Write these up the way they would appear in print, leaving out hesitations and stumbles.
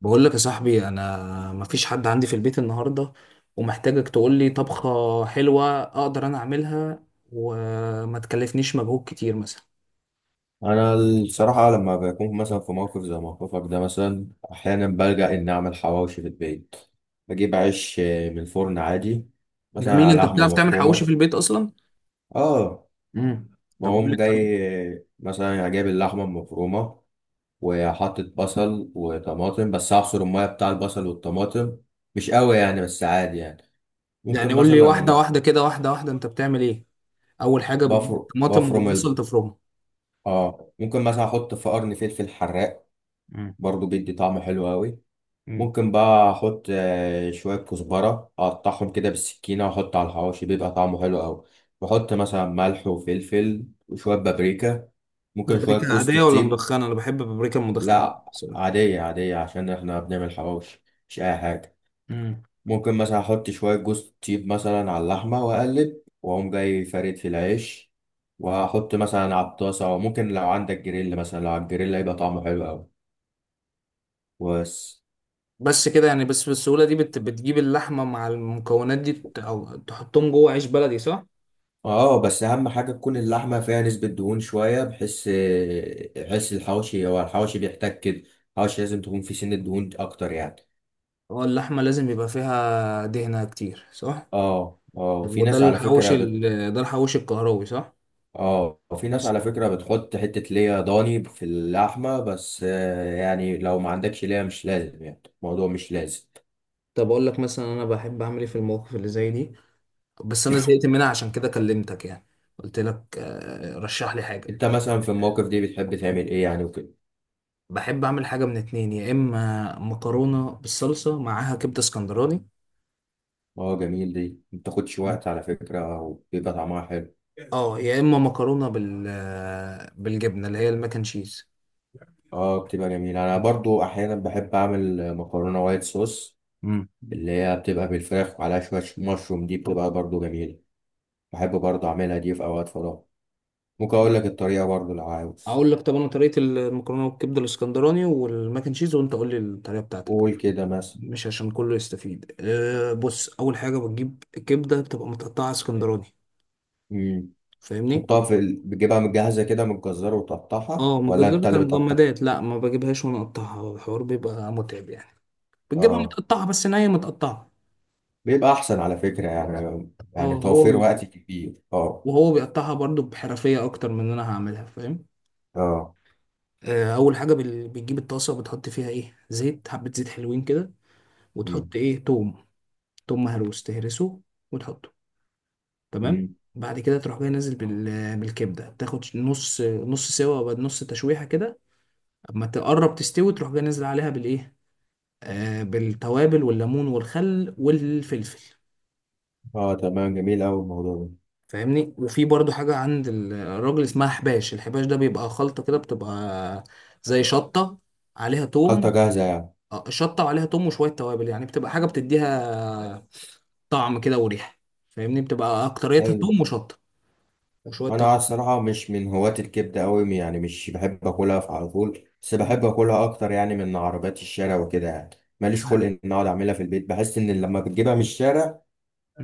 بقول لك يا صاحبي، انا مفيش حد عندي في البيت النهارده، ومحتاجك تقول لي طبخه حلوه اقدر انا اعملها وما تكلفنيش مجهود كتير مثلا. انا الصراحه لما بكون مثلا في موقف زي موقفك ده مثلا احيانا بلجأ اني اعمل حواوشي في البيت. بجيب عيش من الفرن عادي، مثلا جميل، على انت لحمه بتعرف تعمل حواوشي مفرومه. في البيت اصلا؟ اه، امم. طب قول لي بقوم الطريقه. جاي. مثلا جايب اللحمه المفرومه وحاطط بصل وطماطم، بس اعصر الميه بتاع البصل والطماطم، مش قوي يعني بس عادي يعني. يعني ممكن قول لي واحده مثلا واحده كده، واحده واحده انت بتعمل ايه. اول حاجه بتجيب بفر الطماطم بفرم ال... والبصل تفرمهم؟ اه ممكن مثلا احط في قرن فلفل حراق، امم. برضو بيدي طعم حلو قوي. امم. ممكن بقى احط شويه كزبره اقطعهم كده بالسكينه واحط على الحواوشي، بيبقى طعمه حلو قوي. واحط مثلا ملح وفلفل وشويه بابريكا، ممكن شويه بابريكا جوز عاديه ولا الطيب. مدخنه؟ انا بحب بابريكا مدخنه لا، بصراحه. عاديه عاديه عشان احنا بنعمل حواوشي، مش اي حاجه. امم. ممكن مثلا احط شويه جوز الطيب مثلا على اللحمه واقلب، واقوم جاي فارد في العيش، واحط مثلا على الطاسه. وممكن لو عندك جريل، مثلا لو على الجريل هيبقى طعمه حلو قوي. بس. بس كده يعني؟ بس بالسهوله دي بتجيب اللحمه مع المكونات دي، او تحطهم جوه عيش بلدي، صح؟ اه بس اهم حاجه تكون اللحمه فيها نسبه دهون شويه، بحيث الحواشي، هو الحواشي بيحتاج كده. الحواشي لازم تكون في سن الدهون اكتر يعني. هو اللحمة لازم يبقى فيها دهنة كتير صح؟ اه في ناس على فكره ده الحوش الكهربي، صح؟ اه في ناس بس. على فكره بتحط حته ليا ضاني في اللحمه، بس يعني لو ما عندكش ليا مش لازم، يعني الموضوع مش لازم. طب أقول لك مثلا أنا بحب أعمل إيه في المواقف اللي زي دي. بس أنا زهقت منها عشان كده كلمتك يعني. قلت لك رشح لي حاجة. انت مثلا في الموقف دي بتحب تعمل ايه يعني وكده؟ بحب أعمل حاجة من اتنين، يا إما مكرونة بالصلصة معاها كبدة اسكندراني. اه جميل، دي ما بتاخدش وقت على فكره وبيبقى طعمها حلو. أه، يا إما مكرونة بالجبنة اللي هي الماك أند تشيز. اه بتبقى جميلة، انا برضو احيانا بحب اعمل مكرونة وايت صوص، مم. اللي هي بتبقى بالفراخ وعليها شوية مشروم. دي بتبقى برضو جميلة. بحب برضو اعملها دي في اوقات فراغ. ممكن اقول لك الطريقة برضو لو عاوز. أقول لك، طب أنا طريقة المكرونة بالكبدة الاسكندراني والماك أند تشيز، وأنت قول لي الطريقة بتاعتك. قول كده مثلا. مش عشان كله يستفيد. أه، بص، اول حاجه بتجيب كبده بتبقى متقطعه اسكندراني. امم. فاهمني؟ تحطها بتجيبها متجهزة كده من الجزار وتقطعها، اه، من ولا الجزار انت بتاع اللي بتقطعها؟ المجمدات. لا، ما بجيبهاش وانا اقطعها، الحوار بيبقى متعب يعني. بتجيبها اه متقطعه، بس نيه متقطعه. بيبقى احسن على فكرة، يعني اه، يعني هو توفير وقت كبير، اه. وهو بيقطعها برضو بحرفيه اكتر من ان انا هعملها، فاهم؟ اه. اول حاجه بتجيب الطاسه بتحط فيها ايه، زيت، حبه زيت حلوين كده. وتحط امم. ايه؟ توم. توم مهروس تهرسه وتحطه، تمام. امم. بعد كده تروح جاي نازل بالكبده، تاخد نص نص سوا، وبعد نص تشويحه كده. اما تقرب تستوي تروح جاي نازل عليها بالايه، بالتوابل والليمون والخل والفلفل. اه تمام، جميل اوي الموضوع ده. فاهمني؟ وفي برضو حاجه عند الراجل اسمها حباش. الحباش ده بيبقى خلطه كده، بتبقى زي شطه، عليها توم. خلطة جاهزة يعني؟ شطه وعليها توم وشويه توابل يعني، بتبقى حاجه بتديها طعم كده وريحه. فاهمني؟ بتبقى اكتريتها حلو. توم وشطه وشويه انا توابل. الصراحه مش من هواة الكبده قوي يعني، مش بحب اكلها في على طول، بس بحب اكلها اكتر يعني من عربيات الشارع وكده يعني. ماليش خلق ان اقعد اعملها في البيت، بحس ان لما بتجيبها من الشارع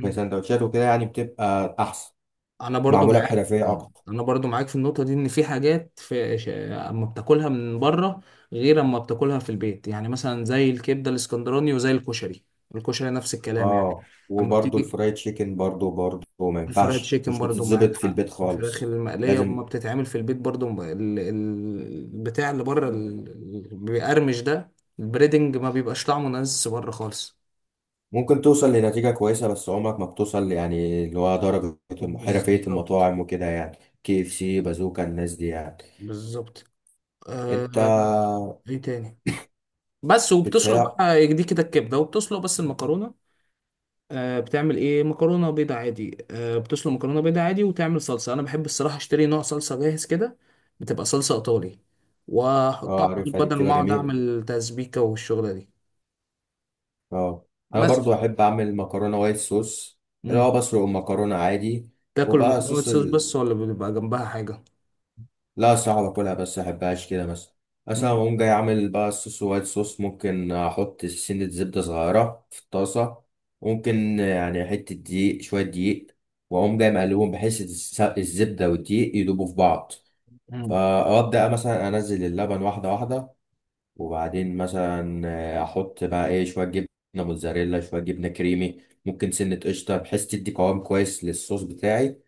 في سندوتشات وكده يعني بتبقى احسن، انا برضو معموله معاك. بحرفيه اكتر. انا برضو معاك في النقطه دي، ان في حاجات اما بتاكلها من بره، غير اما بتاكلها في البيت يعني، مثلا زي الكبده الاسكندراني وزي الكشري. الكشري نفس الكلام يعني. اه اما وبرضه بتيجي الفرايد تشيكن، برضه ما الفرايد ينفعش، تشيكن مش برضو معاك بتتظبط في حق. البيت الفراخ خالص. المقليه لازم. اما بتتعمل في البيت برضو، البتاع اللي بره بيقرمش ده، البريدنج ما بيبقاش طعمه نازل بره خالص. ممكن توصل لنتيجه كويسه، بس عمرك ما بتوصل يعني اللي هو درجه حرفيه بالظبط. المطاعم وكده، يعني كي اف سي، بازوكا، الناس دي يعني. بالظبط. انت آه... ايه تاني؟ بس. وبتسلق بتهيأ. بقى دي كده الكبده، وبتسلق بس المكرونه. بتعمل ايه؟ مكرونه بيضه عادي. بتسلق مكرونه بيضه عادي وتعمل صلصه. انا بحب الصراحه اشتري نوع صلصه جاهز كده. بتبقى صلصه ايطالي واحطها اه على طول، عارفها، دي بدل ما بتبقى اقعد جميلة. اعمل تسبيكه والشغله دي. اه انا بس. برضو احب اعمل مكرونة وايت صوص، اللي مم. هو بسلق المكرونة عادي. تاكل وبقى المكرونه وايت صوص صوص ال... بس، ولا بيبقى جنبها حاجه؟ لا، صعب اكلها بس، احبهاش كده مثلا. مثلا مم. اقوم جاي اعمل بقى الصوص وايت صوص، ممكن احط سنة زبدة صغيرة في الطاسة، ممكن يعني حتة دقيق شوية دقيق، واقوم جاي مقلبهم بحيث الزبدة والدقيق يدوبوا في بعض. مم. فابدا مثلا انزل اللبن واحدة واحدة، وبعدين مثلا احط بقى ايه، شويه جبنه موتزاريلا، شويه جبنه كريمي، ممكن سنه قشطه، بحيث تدي قوام كويس للصوص بتاعي.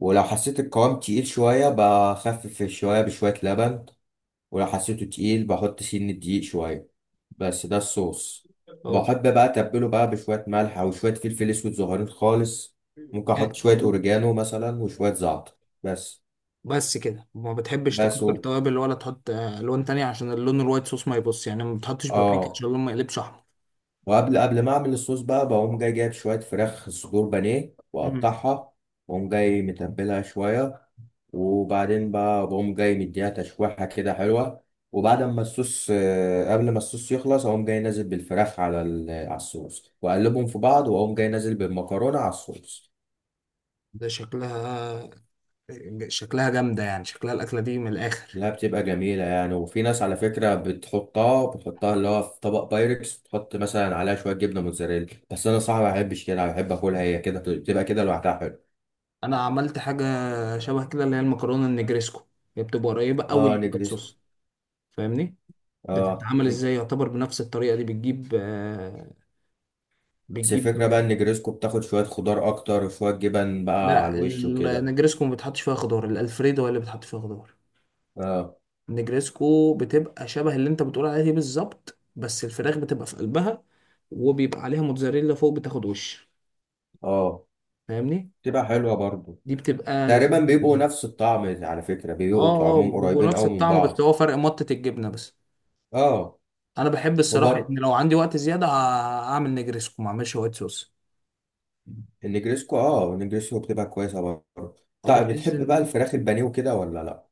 ولو حسيت القوام تقيل شويه بخفف شويه بشويه لبن، ولو حسيته تقيل بحط سن دقيق شويه. بس ده الصوص. اه، بحب بقى اتبله بقى بشويه ملح او شويه فلفل اسود صغيرين خالص. ممكن احط يعني شويه اوريجانو مثلا وشويه زعتر. بس. بس كده ما بتحبش بس تكتر و... توابل ولا تحط الوان تانية عشان اللون الوايت صوص ما يبص يعني، ما بتحطش بابريكا اه. عشان اللون ما يقلبش احمر؟ وقبل قبل ما اعمل الصوص بقى، بقوم جاي جايب شويه فراخ صدور بانيه مم. واقطعها، واقوم جاي متبلها شويه، وبعدين بقى بقوم جاي مديها تشويحه كده حلوه. وبعد ما الصوص قبل ما الصوص يخلص اقوم جاي نازل بالفراخ على الصوص، واقلبهم في بعض، واقوم جاي نازل بالمكرونه على الصوص. ده شكلها جامدة يعني، شكلها الأكلة دي من الآخر. لا بتبقى جميله يعني. وفي ناس على فكره بتحطها اللي هو في طبق بايركس، تحط مثلا عليها شويه جبنه موتزاريلا. بس انا صراحه ما بحبش كده، بحب اكلها هي كده، بتبقى كده لوحدها حلو. أنا عملت حاجة شبه كده، اللي هي المكرونة النجريسكو. هي بتبقى قريبة أوي اه للوايت نجريسكو. صوص. فاهمني؟ اه بتتعمل نج- إزاي؟ يعتبر بنفس الطريقة دي. بس بتجيب. الفكرة بقى ان نجريسكو بتاخد شوية خضار اكتر وشوية جبن بقى على لا، الوش وكده. النجريسكو ما بتحطش فيها خضار. الألفريدو هي اللي بتحط فيها خضار. اه النجريسكو بتبقى شبه اللي أنت بتقول عليها دي بالظبط، بس الفراخ بتبقى في قلبها. وبيبقى عليها موتزاريلا فوق بتاخد وش. اه فاهمني؟ تبقى حلوة برضو. دي بتبقى تقريبا لذيذة بيبقوا جدا. نفس الطعم على فكرة، اه، بيبقوا اه، طعمهم بيبقوا قريبين نفس قوي من الطعم، بس بعض. هو فرق مطة الجبنة بس. اه. انا بحب الصراحة وبرضه ان لو عندي وقت زيادة هعمل نجريسكو ما اعملش وايت صوص. النجريسكو، اه النجريسكو بتبقى كويسة برضه. او طيب، بتحس بتحب بقى ان... الفراخ البانيه وكده، ولا لا؟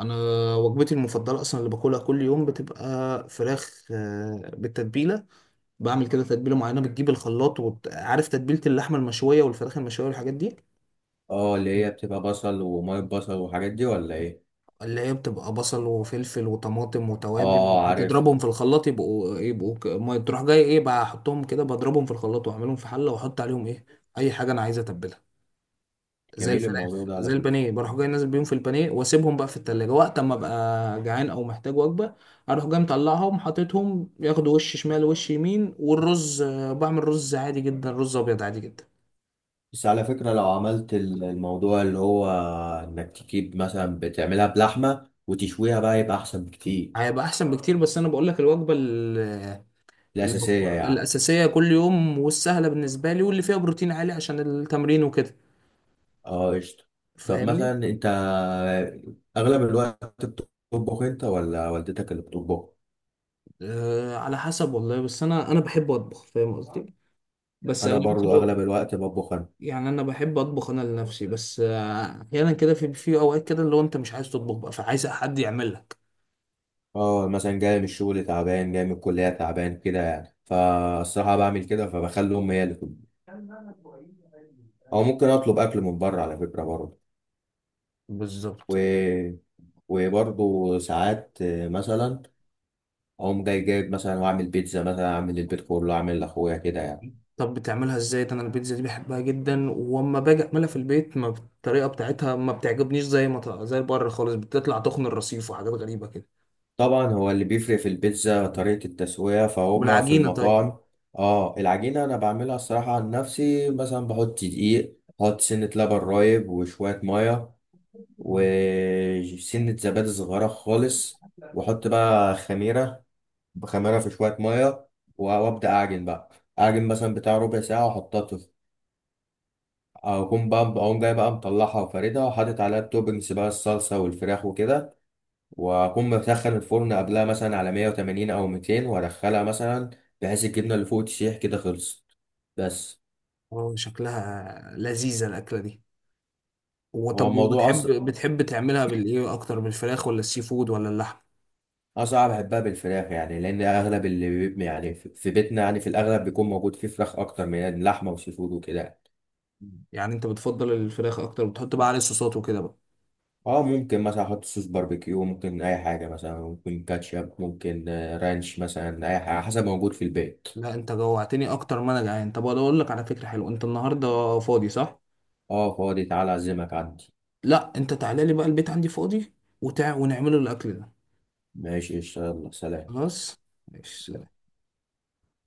انا، وجبتي المفضلة اصلا اللي باكلها كل يوم، بتبقى فراخ بالتتبيلة. بعمل كده تتبيلة معينة، بتجيب الخلاط. وعارف تتبيلة اللحمة المشوية والفراخ المشوية والحاجات دي؟ اه، اللي هي بتبقى بصل ومية بصل والحاجات دي، ولا ايه؟ اللي هي بتبقى بصل وفلفل وطماطم وتوابل. اه عارف. بتضربهم في الخلاط يبقوا ما تروح جاي ايه بقى احطهم كده، بضربهم في الخلاط واعملهم في حله، واحط عليهم ايه؟ اي حاجه انا عايز اتبلها. زي جميل الفراخ، الموضوع ده على زي فكرة. البانيه، بروح جاي نازل بيهم في البانيه واسيبهم بقى في التلاجة، وقت اما ابقى جعان او محتاج وجبه. اروح جاي مطلعهم، حاططهم ياخدوا وش شمال وش يمين. والرز بعمل رز عادي جدا، رز ابيض عادي جدا. بس على فكرة لو عملت الموضوع اللي هو انك تجيب مثلا بتعملها بلحمة وتشويها بقى، يبقى احسن بكتير. هيبقى احسن بكتير، بس انا بقول لك الوجبه اللي هو الاساسية يعني. الأساسية كل يوم والسهلة بالنسبة لي واللي فيها بروتين عالي عشان التمرين وكده. اه قشطة. طب مثلا فاهمني؟ انت اغلب الوقت بتطبخ انت، ولا والدتك اللي بتطبخ؟ أه، على حسب والله. بس أنا بحب أطبخ، فاهم قصدي؟ بس انا أغلبية برضو الوقت. اغلب الوقت بطبخ انا. يعني أنا بحب أطبخ أنا لنفسي، بس أحيانا كده في أوقات كده اللي هو أنت مش عايز تطبخ بقى، فعايز حد يعمل لك. اه مثلا جاي من الشغل تعبان، جاي من الكلية تعبان، كده يعني، فالصراحة بعمل كده فبخلي امي هي اللي تطبخ، او ممكن اطلب اكل من بره على فكرة برضو. بالظبط. و... وبرضو ساعات مثلا اقوم جاي جايب مثلا واعمل بيتزا، مثلا اعمل البيت كله، اعمل لاخويا كده يعني. طب بتعملها ازاي ده؟ انا البيتزا دي بحبها جدا، واما باجي اعملها في البيت ما الطريقه بتاعتها ما بتعجبنيش، زي ما ط- زي بره خالص بتطلع تخن الرصيف وحاجات غريبه كده. طبعا هو اللي بيفرق في البيتزا طريقة التسوية، فهما في والعجينه. المطاعم. اه العجينة انا بعملها الصراحة عن نفسي، مثلا بحط دقيق، بحط سنة لبن رايب وشوية مية، طيب. وسنة زبادي صغيرة خالص، واحط بقى خميرة، بخميرة في شوية مية، وابدأ اعجن بقى، اعجن مثلا بتاع ربع ساعة واحطها. اقوم جاي بقى مطلعها وفاردها وحاطط عليها التوبنجز بقى، الصلصه والفراخ وكده. واقوم مسخن الفرن قبلها مثلا على 180 او 200 وادخلها مثلا، بحيث الجبنه اللي فوق تسيح كده. خلصت. بس. اه، شكلها لذيذة الأكلة دي. هو وطب، الموضوع اصلا وبتحب، بتحب تعملها بالإيه أكتر، بالفراخ ولا السي فود ولا اللحم؟ اصعب. بحبها بالفراخ يعني، لان اغلب يعني في بيتنا يعني في الاغلب بيكون موجود فيه فراخ اكتر من لحمه وسي فود وكده يعني. يعني أنت بتفضل الفراخ أكتر، وبتحط بقى عليه صوصات وكده بقى؟ اه ممكن مثلا احط صوص باربيكيو، ممكن اي حاجه، مثلا ممكن كاتشب، ممكن رانش مثلا، اي حاجه حسب موجود في البيت. لا، أنت جوعتني أكتر ما أنا جعان. طب أنا أقول لك على فكرة حلوة، أنت النهاردة فاضي صح؟ اه فاضي، تعالى اعزمك عندي. لا، أنت تعالى لي بقى، البيت عندي فاضي، ونعمله الأكل ده. ماشي قشطة، يلا سلام. خلاص. ماشي.